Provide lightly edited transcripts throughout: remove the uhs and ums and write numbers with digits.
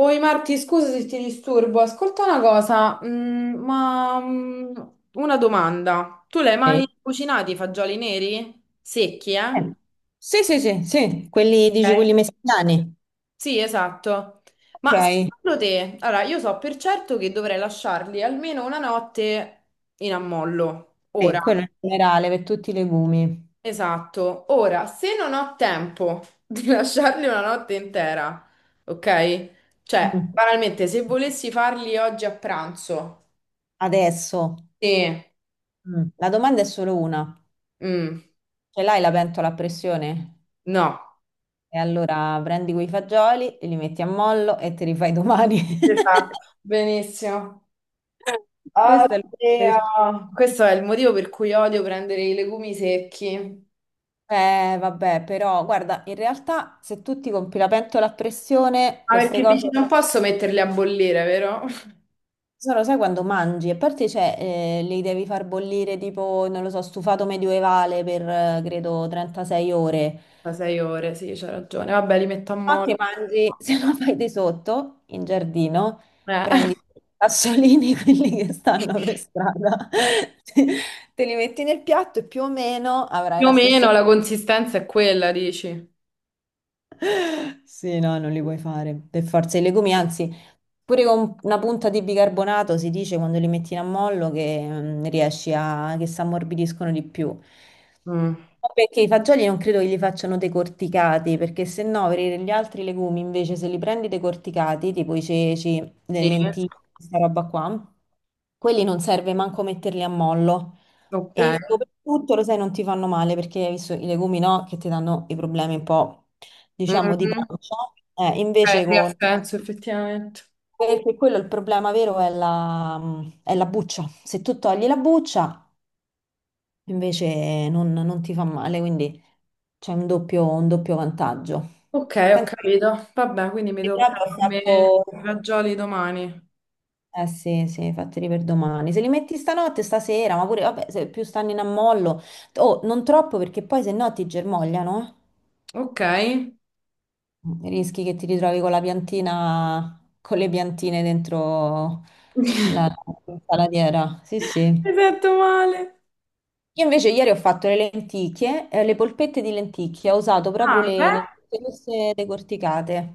Oi Marti, scusa se ti disturbo, ascolta una cosa, ma una domanda. Tu l'hai mai Eh, cucinati i fagioli neri? Secchi, eh? Sì, sì, sì, sì, quelli, dici quelli Ok. messicani. Sì, esatto. Ok, Ma secondo te, allora io so per certo che dovrei lasciarli almeno una notte in ammollo. sì, Ora, quello in generale per tutti i legumi. esatto. Ora, se non ho tempo di lasciarli una notte intera, ok? Cioè, Mm. banalmente, se volessi farli oggi a pranzo, Adesso, sì. La domanda è solo una. Mm, Ce l'hai la pentola a pressione? no. E allora prendi quei fagioli, li metti a mollo e te li fai domani. Esatto, benissimo. Questa è la risposta. Oddio. Questo è il motivo per cui odio prendere i legumi secchi. Vabbè, però guarda, in realtà se tu ti compri la pentola a pressione, Ma queste perché dici cose. non posso metterli a bollire, vero? Solo sai quando mangi, a parte cioè, li devi far bollire tipo, non lo so, stufato medievale per credo 36 ore. Da 6 ore, sì, c'ha ragione. Vabbè, li metto a No, ti mollo. mangi, se no fai di sotto in giardino, Eh. prendi i sassolini, quelli che stanno per strada, te li metti nel piatto e più o meno avrai Più o la stessa. meno la consistenza è quella, dici? Sì, no, non li puoi fare. Per forza i legumi, anzi, pure con una punta di bicarbonato si dice quando li metti in ammollo che riesci a che si ammorbidiscono di più. Mm, Ma perché i fagioli non credo che li facciano decorticati, perché se no per gli altri legumi invece se li prendi decorticati, tipo i ceci, le sì, lenticchie, questa roba qua, quelli non serve manco metterli a mollo. ok. E soprattutto, lo sai, non ti fanno male perché hai visto i legumi, no? Che ti danno i problemi un po', diciamo, di Mhm. pancia. Ok, Invece sì, ha con... senso, effettivamente. Perché quello il problema vero è la buccia. Se tu togli la buccia, invece non ti fa male, quindi c'è un doppio vantaggio. Ok, ho Penso che capito. Vabbè, quindi mi tocca proprio ho a me i fatto... fagioli domani. Eh sì, sì, fateli per domani. Se li metti stanotte, stasera, ma pure, vabbè, se più stanno in ammollo... Oh, non troppo perché poi se no ti germogliano, eh. Ok. Rischi che ti ritrovi con la piantina, con le piantine dentro la la salatiera. Sì, sì. Hai fatto male. Io invece ieri ho fatto le lenticchie, le polpette di lenticchie, ho usato proprio Ah, le beh. lenticchie queste decorticate.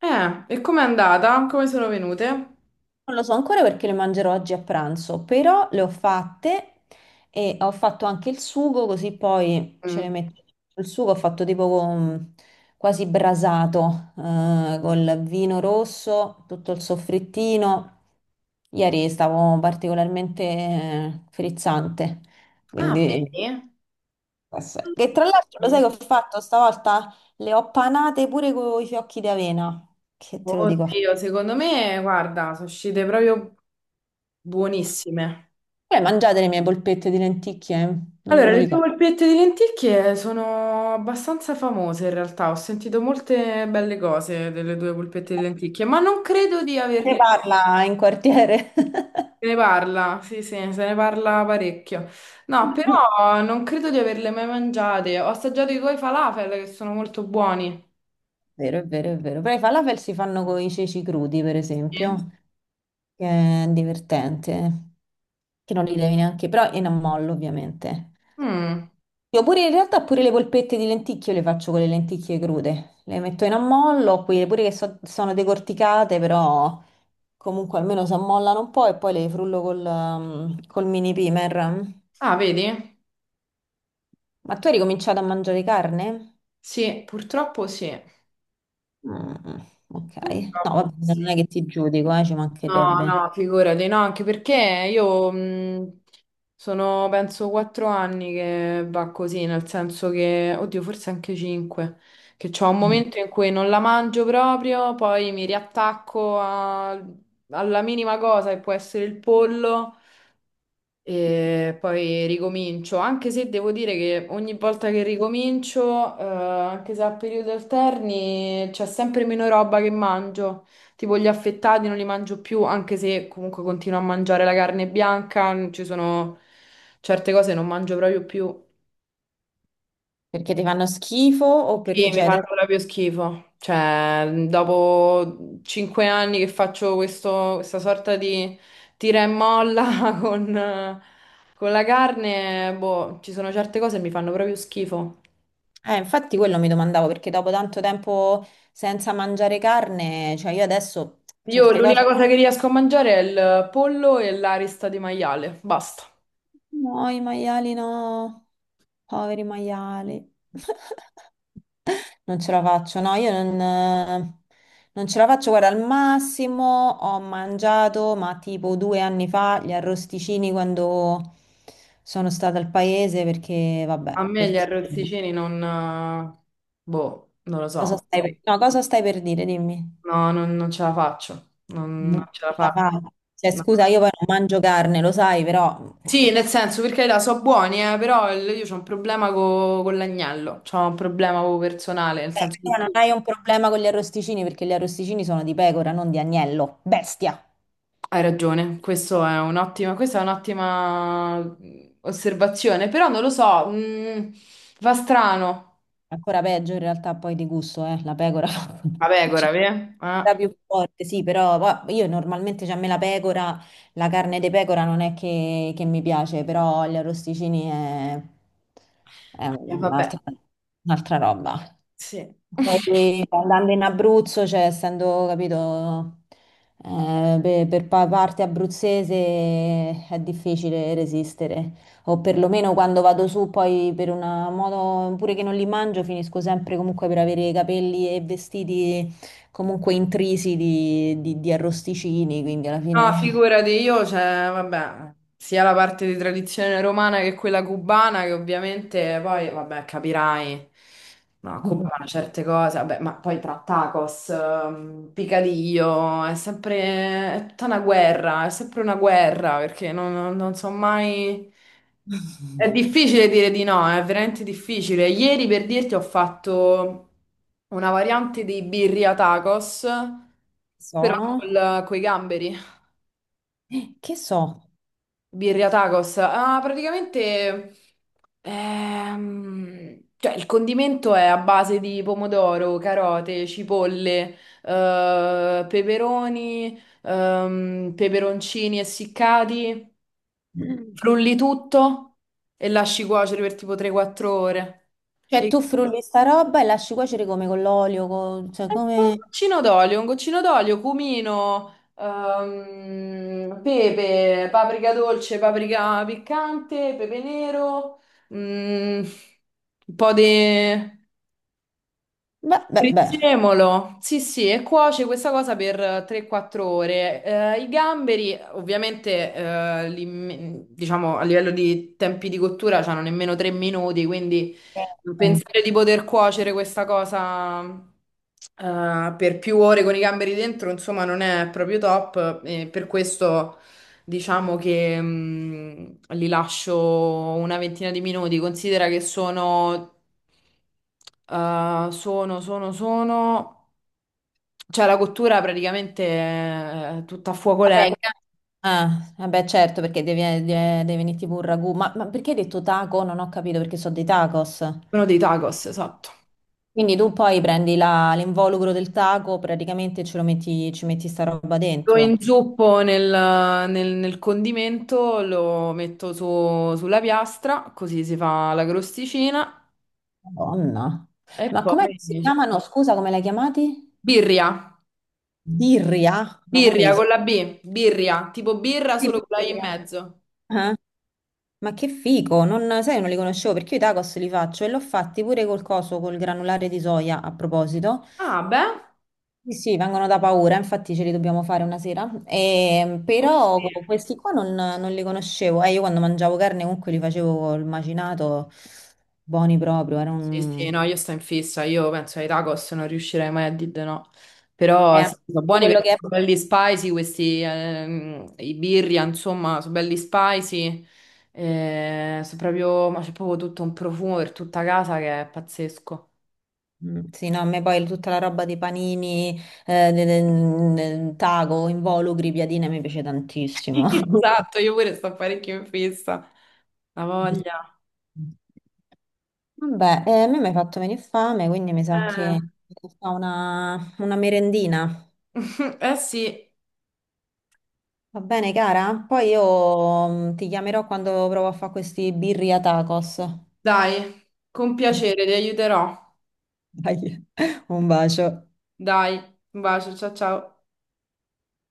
E com'è andata? Come sono venute? Non lo so ancora perché le mangerò oggi a pranzo, però le ho fatte e ho fatto anche il sugo, così poi ce le Mm. metto. Il sugo ho fatto tipo con- quasi brasato, col vino rosso, tutto il soffrittino. Ieri stavo particolarmente frizzante, Ah, quindi vedi? questo è. Che tra l'altro lo Mm. sai che ho fatto stavolta? Le ho panate pure con i fiocchi di avena, che te lo dico. Oddio, secondo me, guarda, sono uscite proprio buonissime. Voi mangiate le mie polpette di lenticchie? Non me Allora, lo le tue ricordo. polpette di lenticchie sono abbastanza famose in realtà. Ho sentito molte belle cose delle tue polpette di lenticchie, ma non credo di Ne averle. parla in quartiere. Se ne parla, sì, sì, se ne parla parecchio. No, però non credo di averle mai mangiate. Ho assaggiato i coi falafel che sono molto buoni. Vero, è vero, è vero. Però i falafel si fanno con i ceci crudi, per esempio, Sì. che è divertente, che non li devi neanche, però in ammollo, ovviamente. Mm. Io pure in realtà pure le polpette di lenticchie io le faccio con le lenticchie crude. Le metto in ammollo, quelle pure che so- sono decorticate, però comunque almeno si ammollano un po' e poi le frullo col, col mini primer. Ah, vedi? Ma tu hai ricominciato a mangiare carne? Sì, purtroppo sì. Mm, ok. No, Purtroppo vabbè, non sì. è che ti giudico, ci No, mancherebbe. no, figurati, no, anche perché io sono penso 4 anni che va così, nel senso che, oddio, forse anche 5, che c'ho un Mm. momento in cui non la mangio proprio, poi mi riattacco alla minima cosa che può essere il pollo e poi ricomincio, anche se devo dire che ogni volta che ricomincio, anche se a periodi alterni, c'è sempre meno roba che mangio. Tipo gli affettati non li mangio più, anche se comunque continuo a mangiare la carne bianca, ci sono certe cose che non mangio proprio più. Perché ti fanno schifo o Sì, perché mi c'è... fanno proprio schifo. Cioè, dopo 5 anni che faccio questa sorta di tira e molla con, eh, con la carne, boh, ci sono certe cose che mi fanno proprio schifo. Infatti quello mi domandavo, perché dopo tanto tempo senza mangiare carne, cioè io adesso Io certe cose... l'unica cosa che riesco a mangiare è il pollo e l'arista di maiale, basta. No, i maiali no, poveri maiali. Non ce la faccio, no, io non, Non ce la faccio. Guarda, al massimo ho mangiato, ma tipo due anni fa, gli arrosticini quando sono stata al paese, perché, A vabbè, me gli perché... arrozzicini non... boh, non lo Cosa so. stai per, no, cosa stai per dire? Dimmi. No, non ce la faccio. Non, Non non ce la ce la faccio. faccio. Cioè, No. scusa, io poi non mangio carne, lo sai, però... Sì, nel senso, perché là so buoni, però io ho un problema con l'agnello, ho un problema proprio personale, nel Beh, senso tu che non tu hai un problema con gli arrosticini, perché gli arrosticini sono di pecora, non di agnello. Bestia! hai ragione, questo è un'ottima, questa è un'ottima osservazione, però non lo so, va strano. Ancora peggio in realtà poi di gusto, la pecora. La Cioè, pecora, vero? la più forte, sì, però va- io normalmente, cioè, a me la pecora, la carne di pecora non è che mi piace, però gli arrosticini è Vabbè, un'altra roba. sì. Poi andando in Abruzzo, cioè essendo, capito, pe- per, pa- parte abruzzese è difficile resistere, o perlomeno quando vado su poi per una moto, pure che non li mangio, finisco sempre comunque per avere i capelli e vestiti comunque intrisi di arrosticini, quindi alla No, fine figurati io, cioè, vabbè, sia la parte di tradizione romana che quella cubana, che ovviamente poi, vabbè, capirai, no, a Cuba fanno certe cose, vabbè, ma poi tra tacos, picadillo, è sempre, è tutta una guerra, è sempre una guerra, perché non so mai... È difficile dire di no, è veramente difficile. Ieri per dirti ho fatto una variante di birria tacos, però sono... con i gamberi. Che so? Birria tacos. Ah, praticamente, cioè, il condimento è a base di pomodoro, carote, cipolle, peperoni, peperoncini essiccati. Cioè Frulli tutto e lasci cuocere per tipo 3-4 ore. E tu frulli sta roba e lasci cuocere come con l'olio, co- cioè un come... goccino d'olio, un goccino d'olio, cumino, pepe, paprika dolce, paprika piccante, pepe nero, mm, un po' di Beh, beh, beh. prezzemolo, sì sì, e cuoce questa cosa per 3-4 ore. I gamberi, ovviamente, diciamo a livello di tempi di cottura, hanno nemmeno 3 minuti, quindi Eh, pensare di poter cuocere questa cosa, per più ore con i gamberi dentro, insomma, non è proprio top, e per questo. Diciamo che li lascio una ventina di minuti. Considera che sono. Cioè, la cottura praticamente è tutta a fuoco Vabbè, lento, in ca- ah, vabbè, certo, perché devi, de- deve venirti pure un ragù. Ma perché hai detto taco? Non ho capito perché sono dei tacos. meno dei tacos, esatto. Quindi tu poi prendi la- l'involucro del taco, praticamente ce lo metti, ci metti sta roba Lo dentro. inzuppo nel condimento, lo metto sulla piastra, così si fa la crosticina. Madonna. E Ma com'è poi che si chiamano? Scusa, come l'hai chiamati? birria, Birria? No, ma me birria li con la B, birria, tipo birra solo con la I in birria. mezzo. Eh? Ma che figo, non, sai, non li conoscevo perché io i tacos li faccio e l'ho fatti pure col coso, col granulare di soia a proposito. Ah, beh. Sì, sì, vengono da paura, infatti ce li dobbiamo fare una sera. E, Oh, però sì. co- questi qua non, non li conoscevo. Io quando mangiavo carne comunque li facevo col macinato, buoni proprio. Era Sì, un... sì, no, io sto in fissa, io penso ai tacos non riuscirei mai a dire di no, però è sì, sono tutto buoni quello perché che è... sono belli spicy questi, i birria, insomma, sono belli spicy, sono proprio, ma c'è proprio tutto un profumo per tutta casa che è pazzesco. Mm, sì, no, a me poi tutta la roba dei panini, de- de- de- taco, involucri, piadine, mi piace tantissimo. Esatto, io pure sto parecchio in fissa, la voglia. Vabbè, a me mi hai fatto venire fame, quindi mi sa che Eh. mi fa una merendina. Eh sì, Va bene, cara? Poi io ti chiamerò quando provo a fare questi birria tacos. dai, con piacere, ti aiuterò, Dai, un bacio. dai, un bacio, ciao ciao.